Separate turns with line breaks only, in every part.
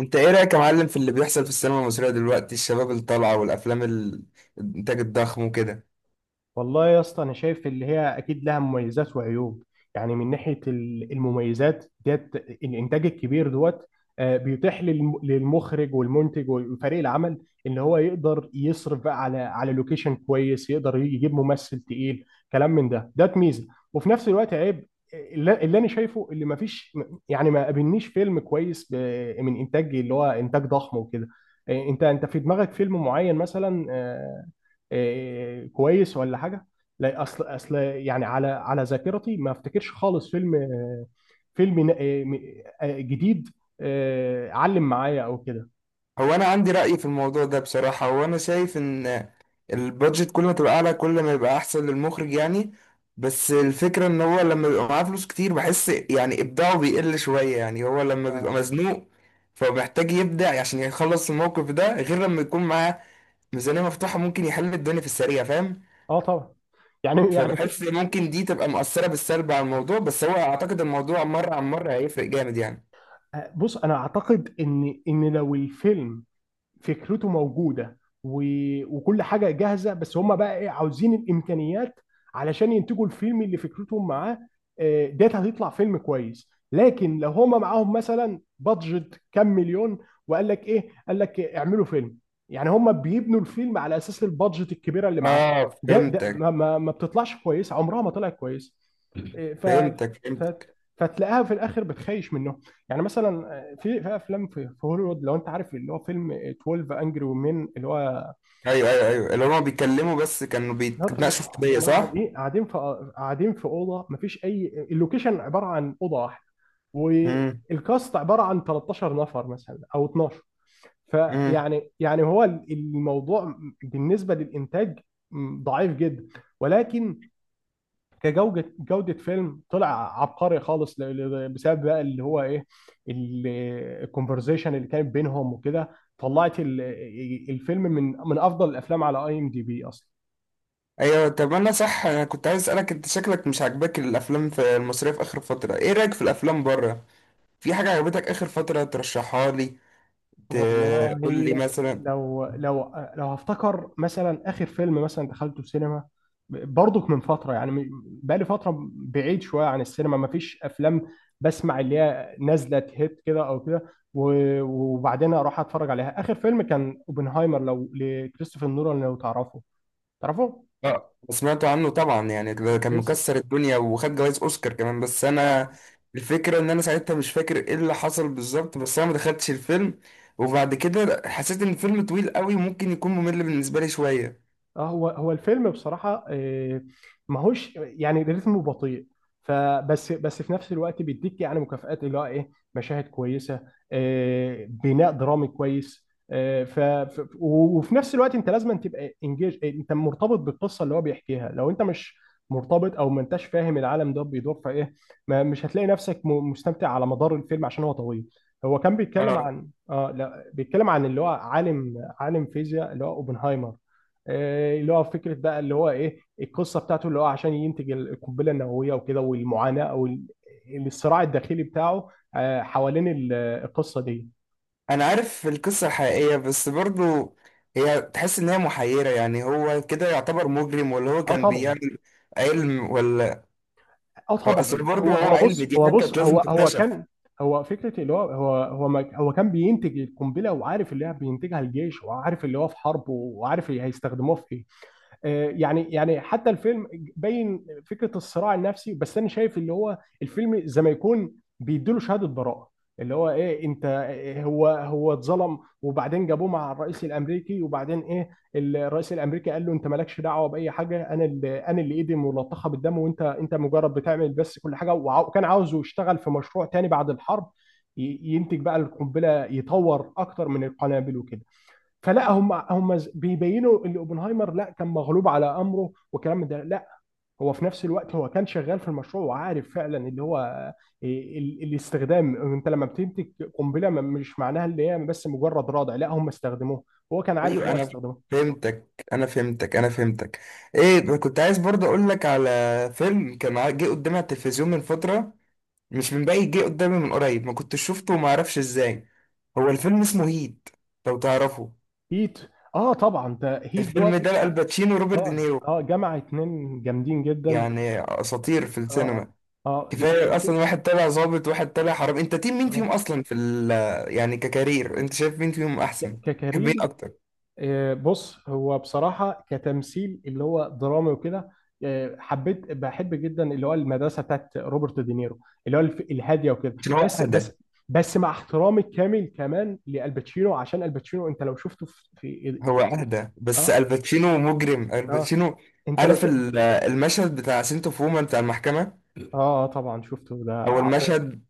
انت ايه رأيك يا معلم في اللي بيحصل في السينما المصرية دلوقتي؟ الشباب اللي طالعة والافلام الانتاج الضخم وكده.
والله يا اسطى، انا شايف اللي هي اكيد لها مميزات وعيوب. يعني من ناحيه المميزات ديت الانتاج الكبير دوت. بيتيح للمخرج والمنتج وفريق العمل ان هو يقدر يصرف بقى على لوكيشن كويس، يقدر يجيب ممثل تقيل، كلام من ده ميزه. وفي نفس الوقت عيب. اللي انا شايفه اللي ما فيش، يعني ما قابلنيش فيلم كويس من انتاج اللي هو انتاج ضخم وكده. انت في دماغك فيلم معين مثلا؟ كويس ولا حاجه؟ لا، اصل يعني على ذاكرتي ما افتكرش خالص فيلم فيلم آه، م- جديد، علم معايا او كده.
هو انا عندي رأي في الموضوع ده بصراحة، هو انا شايف ان البادجت كل ما تبقى اعلى كل ما يبقى احسن للمخرج يعني. بس الفكرة ان هو لما بيبقى معاه فلوس كتير بحس يعني ابداعه بيقل شوية، يعني هو لما بيبقى مزنوق فمحتاج يبدع عشان يخلص الموقف ده، غير لما يكون معاه ميزانية مفتوحة ممكن يحل الدنيا في السريع، فاهم؟
اه، طبعا. يعني يعني في-
فبحس ممكن دي تبقى مؤثرة بالسلب على الموضوع، بس هو اعتقد الموضوع مرة عن مرة هيفرق جامد يعني.
آه، بص، انا اعتقد ان لو الفيلم فكرته موجوده و... وكل حاجه جاهزه، بس هم بقى ايه عاوزين الامكانيات علشان ينتجوا الفيلم اللي فكرتهم معاه، ديت هتطلع فيلم كويس. لكن لو هم معاهم مثلا بادجت كام مليون، وقال لك ايه قال لك اعملوا فيلم، يعني هم بيبنوا الفيلم على اساس البادجت الكبيره اللي معاهم.
اه،
ده, ده
فهمتك،
ما, ما, ما بتطلعش كويس، عمرها ما طلعت كويس. إيه. ف
فهمتك،
ف
فهمتك.
فتلاقيها في الاخر بتخيش منهم. يعني مثلا، في افلام في هوليوود، لو انت عارف اللي هو فيلم 12 انجري، ومين اللي هو؟
ايوه، ايوه، ايوه، اللي هما بيتكلموا بس كانوا بيتناقشوا في قضية،
هم
صح؟
قاعدين قاعدين في قاعدين في اوضه، مفيش اي، اللوكيشن عباره عن اوضه واحده،
امم.
والكاست عباره عن 13 نفر مثلا او 12.
امم.
يعني هو الموضوع بالنسبه للانتاج ضعيف جدا. ولكن كجوده، فيلم طلع عبقري خالص بسبب بقى اللي هو ايه، ال- الكونفرزيشن اللي كانت بينهم وكده. طلعت الفيلم من افضل الافلام على اي ام دي بي اصلا.
ايوه، طب انا صح، انا كنت عايز اسالك انت شكلك مش عاجباك الافلام في المصريه في اخر فتره، ايه رايك في الافلام بره؟ في حاجه عجبتك اخر فتره ترشحها لي؟
والله،
تقول لي مثلا.
لو لو لو هفتكر مثلا اخر فيلم مثلا دخلته السينما، برضك من فتره، يعني بقالي فتره بعيد شويه عن السينما، ما فيش افلام بسمع اللي هي نازله هيت كده او كده وبعدين اروح اتفرج عليها. اخر فيلم كان اوبنهايمر، لو لكريستوفر نولان، لو تعرفه
اه، سمعت عنه طبعا، يعني ده كان
كريس.
مكسر الدنيا وخد جوائز اوسكار كمان، بس انا الفكره ان انا ساعتها مش فاكر ايه اللي حصل بالظبط، بس انا ما دخلتش الفيلم. وبعد كده حسيت ان الفيلم طويل قوي وممكن يكون ممل بالنسبه لي شويه.
اه، هو الفيلم بصراحة ماهوش يعني رتمه بطيء. فبس في نفس الوقت بيديك يعني مكافآت، اللي هو ايه، مشاهد كويسة، بناء درامي كويس. وفي نفس الوقت انت لازم تبقى انجيج، انت مرتبط بالقصة اللي هو بيحكيها. لو انت مش مرتبط او ما انتش فاهم العالم ده بيدور في ايه، ما مش هتلاقي نفسك مستمتع على مدار الفيلم عشان هو طويل. هو كان بيتكلم
اه،
عن، اه لا، بيتكلم عن اللي هو عالم فيزياء، اللي هو اوبنهايمر. اللي هو فكره بقى اللي هو ايه القصه بتاعته، اللي هو عشان ينتج القنبله النوويه وكده، والمعاناه او الصراع الداخلي بتاعه، حوالين القصه دي.
انا عارف القصه الحقيقيه بس برضو هي تحس ان هي محيره، يعني هو كده يعتبر مجرم ولا هو
اه،
كان
طبعا.
بيعمل علم ولا؟
اه،
هو
طبعا.
اصل برضه
هو
هو
هو
علم
بص
دي
هو
حاجه
بص
كانت
هو
لازم
هو
تكتشف.
كان... هو فكره، اللي هو ما هو كان بينتج القنبله، وعارف اللي هي بينتجها الجيش، وعارف اللي هو في حرب، وعارف اللي هيستخدموها في ايه. يعني حتى الفيلم باين فكره الصراع النفسي. بس انا شايف اللي هو الفيلم زي ما يكون بيديله شهاده براءه. اللي هو ايه؟ انت، إيه، هو اتظلم، وبعدين جابوه مع الرئيس الامريكي، وبعدين ايه؟ الرئيس الامريكي قال له انت مالكش دعوه باي حاجه، انا اللي ايدي ملطخه بالدم، وانت مجرد بتعمل بس كل حاجه. وكان عاوزه يشتغل في مشروع تاني بعد الحرب، ينتج بقى القنبله، يطور اكتر من القنابل وكده. فلاهم مع هم بيبيينوا اللي أبو نايمر، لا، كان مغلوب على أمره وكان مد، لا، هو في نفس الوقت هو كان شغال في المشروع، وعارف فعلًا اللي هو الاستخدام. أنت لما بتمتلك قمبلة، ما مش معناها اللي هي بس مجرد راضي. لا، هم استخدموه، هو كان عارف
ايوه،
الوقت
انا فاهمني،
استخدمه.
فهمتك، انا فهمتك، انا فهمتك. ايه، كنت عايز برضه اقول لك على فيلم كان جه قدامي على التلفزيون من فتره، مش من بعيد، جه قدامي من قريب، ما كنتش شفته وما اعرفش ازاي. هو الفيلم اسمه هيت، لو تعرفه.
هيت. آه، طبعًا، تهيت دوت.
الفيلم ده الباتشينو وروبرت
آه
دينيرو،
جامعة اتنين جامدين جدًا.
يعني اساطير في
آه،
السينما.
آه.
كفايه اصلا، واحد طالع ظابط واحد طالع حرامي، انت تيم مين فيهم اصلا في يعني ككارير انت شايف مين فيهم
ك
احسن؟
ك
تحب مين
كريم.
اكتر؟
بص، هو بصراحة كتمثيل اللي هو درامي وكده، آه، حبيت بحب جدا اللي هو المدرسة بتاعت روبرت دينيرو، اللي هو الهادية وكده.
عشان هو
بس،
اهدى.
بس، بس مع احترامي الكامل كمان لالباتشينو، عشان الباتشينو انت لو شفته في
هو
التمثيل.
اهدى بس
اه،
الباتشينو مجرم
اه،
الباتشينو.
انت لو
عارف
شفته.
المشهد بتاع سنتو فوما بتاع المحكمة؟
اه طبعا شفته، ده
او
عظيم.
المشهد،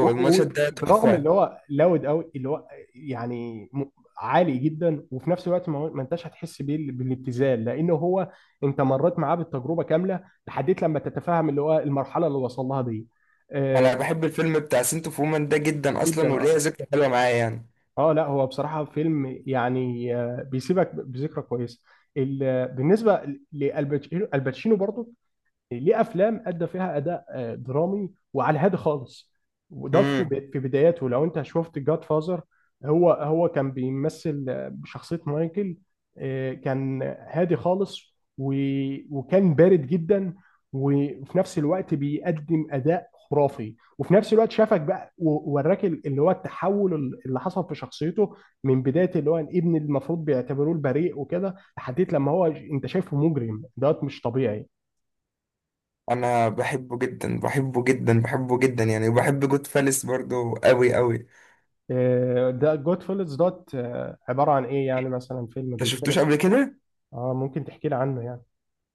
و-
المشهد ده
برغم
تحفة.
اللي هو لاود قوي، اللي هو يعني عالي جدا، وفي نفس الوقت ما انتش هتحس بيه بالابتذال، لانه هو انت مريت معاه بالتجربه كامله لحد لما تتفهم اللي هو المرحله اللي وصل لها دي. آه،
انا بحب الفيلم بتاع سنتو فوما ده جدا اصلا،
جدا.
وليه
اه
ذكرى حلوة معايا يعني.
اه لا، هو بصراحه فيلم يعني بيسيبك بذكرى كويسه. بالنسبه لالباتشينو، الباتشينو برضو ليه افلام ادى فيها اداء درامي وعلى هادي خالص. وده في
امم.
في بداياته. لو انت شفت جاد فازر، هو كان بيمثل بشخصيه مايكل. كان هادي خالص، وكان بارد جدا، وفي نفس الوقت بيقدم اداء خرافي، وفي نفس الوقت شافك بقى ووراك اللي هو التحول اللي حصل في شخصيته، من بدايه اللي هو الابن اللي المفروض بيعتبروه البريء وكده، لحد لما هو انت شايفه مجرم دوت مش طبيعي.
انا بحبه جدا، بحبه جدا، بحبه جدا يعني، وبحب جود فالس برضو قوي قوي.
إيه، ده جود فيلز دوت. عبارة عن ايه؟ يعني مثلا فيلم
انت شفتوش
بيتكلم؟
قبل كده؟
اه، ممكن تحكي لي عنه يعني.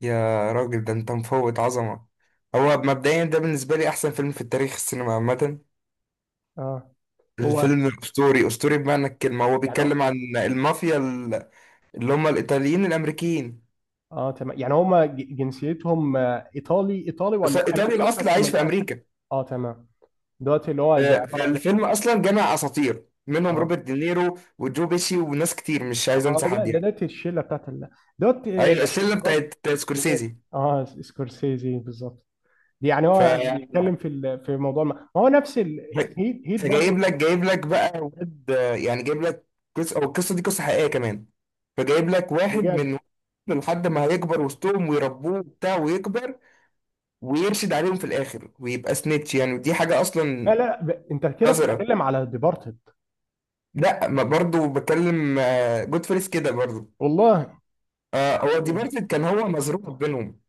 يا راجل ده انت مفوت عظمة. هو مبدئيا ده بالنسبة لي احسن فيلم في التاريخ السينما عامة.
اه. هو
الفيلم الأسطوري، أسطوري بمعنى الكلمة. هو
يعني هو-
بيتكلم عن المافيا اللي هم الإيطاليين الأمريكيين،
اه، تمام. يعني هما جنسيتهم ايطالي ولا
إيطالي
امريكان
الأصل
بس
عايش
من
في
اصل؟
أمريكا.
اه، تمام. دوت اللي هو زي عبارة عن.
فالفيلم أصلا جمع أساطير منهم
اه.
روبرت دينيرو وجو بيشي وناس كتير مش عايز
اه
أنسى
ده
حد
ده
يعني.
دوت، الشلة بتاعت ال- دوت
أيوة، الشلة
اخراج.
بتاعت
جنيه.
سكورسيزي.
اه، سكورسيزي بالظبط. دي يعني
ف...
هو بيتكلم في في موضوع، ما هو نفس
ف-
هيت
فجايب
برضه.
لك جايب لك بقى واد، يعني جايب لك قصة، أو القصة دي قصة حقيقية كمان. فجايب لك واحد
بجد؟
من لحد ما هيكبر وسطهم ويربوه وبتاع ويكبر، ويرشد عليهم في الاخر ويبقى سنيتش يعني، ودي حاجه اصلا
لا، لا، انت كده
قذره.
بتتكلم على ديبارتد.
لا، ما برضه بتكلم، جود فيلز كده برضه.
والله.
آه، هو دي
يعني
مارفل كان هو مزروع بينهم.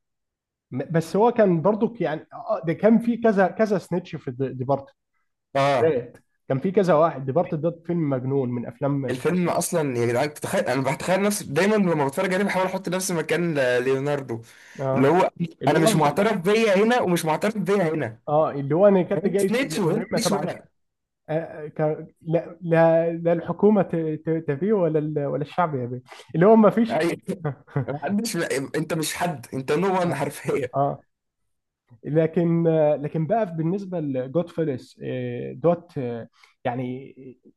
بس هو كان برضو يعني ده كان في كذا كذا سنيتش في ديبارتد
اه،
ذات. كان في كذا واحد، ديبارتد ده فيلم مجنون من افلام
الفيلم
سكورسيزي.
اصلا يا جدعان، تتخيل انا بتخيل نفسي دايما لما بتفرج عليه بحاول احط نفسي مكان ليوناردو. اللي
اه،
هو
اللي
انا
هو
مش
انت.
معترف بيا هنا ومش معترف بيا هنا،
اه، اللي هو انا كنت
هنا
جاي في
سنيتش وهنا
مهمه
ماليش
تبع
وهنا.
آه، آه، ك... لا، لا، لا، الحكومه تبيه ولا ولا الشعب يبيه، اللي هو ما فيش.
أيوة. محدش، انت مش حد، انت نو وان
اه.
حرفيا.
اه. لكن، لكن بقى بالنسبه لجود فيلس دوت. يعني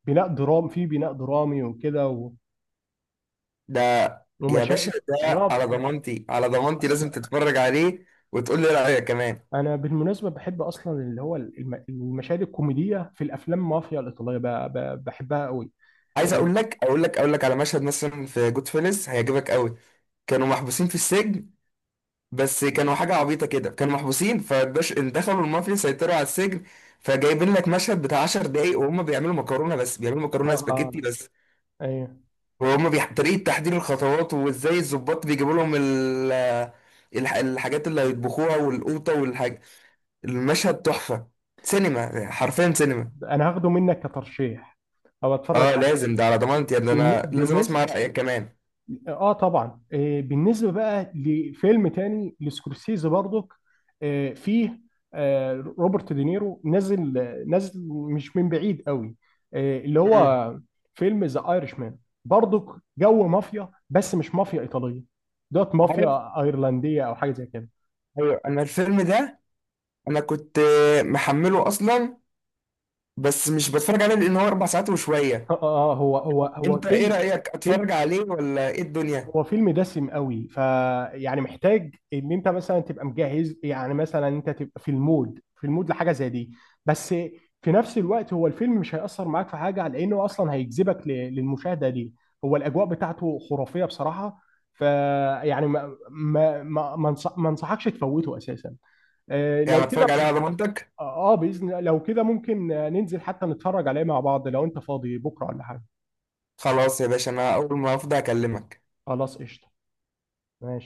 بناء درامي وكده،
ده يا باشا،
ومشاهد. يعني
ده
هو
على
في.
ضمانتي، على ضمانتي
اصلا
لازم تتفرج عليه، وتقول لي رأيك كمان.
انا بالمناسبه بحب اصلا اللي هو المشاهد الكوميديه في الافلام مافيا الايطاليه بحبها قوي.
عايز
إيه،
اقول لك على مشهد مثلا في جود فيلز هيعجبك قوي. كانوا محبوسين في السجن، بس كانوا حاجة عبيطة كده، كانوا محبوسين فباش دخلوا المافيا سيطروا على السجن. فجايبين لك مشهد بتاع 10 دقايق وهم بيعملوا مكرونة، بس بيعملوا
اه،
مكرونة سباكيتي
آه.
بس.
ايوه،
وهم طريقة تحضير الخطوات وازاي الظباط بيجيبوا لهم الحاجات اللي هيطبخوها والقوطة والحاجة. المشهد تحفة، سينما، حرفيا سينما.
انا هاخده منك كترشيح، او اتفرج
اه
عليه.
لازم، ده على ضمانتي يا ابني، انا لازم
بالنسبه،
اسمع في كمان.
اه، طبعا. بالنسبه بقى لفيلم تاني لسكورسيزي برضك. فيه روبرت دينيرو نازل، مش من بعيد قوي، اللي
مم.
هو فيلم ذا ايرش مان، برضك جو مافيا، بس مش مافيا ايطاليه دوت،
عارف.
مافيا ايرلنديه او حاجه زي كده.
ايوه، انا الفيلم ده انا كنت محمله اصلا. بس مش بتفرج عليه لان هو 4 ساعات وشوية.
اه، هو
انت ايه
فيلم،
رأيك، اتفرج عليه ولا ايه الدنيا؟
هو فيلم دسم قوي. فيعني محتاج ان انت مثلا تبقى مجهز، يعني مثلا انت تبقى في المود، لحاجه زي دي. بس في نفس الوقت هو الفيلم مش هيأثر معاك في حاجه، لانه اصلا هيجذبك للمشاهده دي. هو الاجواء بتاعته خرافيه بصراحه. فيعني ما انصحكش تفوته اساسا، لو
يعني
كده.
اتفرج عليه على ضمانتك؟
اه، باذن، لو كده ممكن ننزل حتى نتفرج عليه مع بعض لو انت فاضي بكره ولا حاجه.
خلاص يا باشا، انا اول ما افضى اكلمك.
خلاص قشطه ماشي.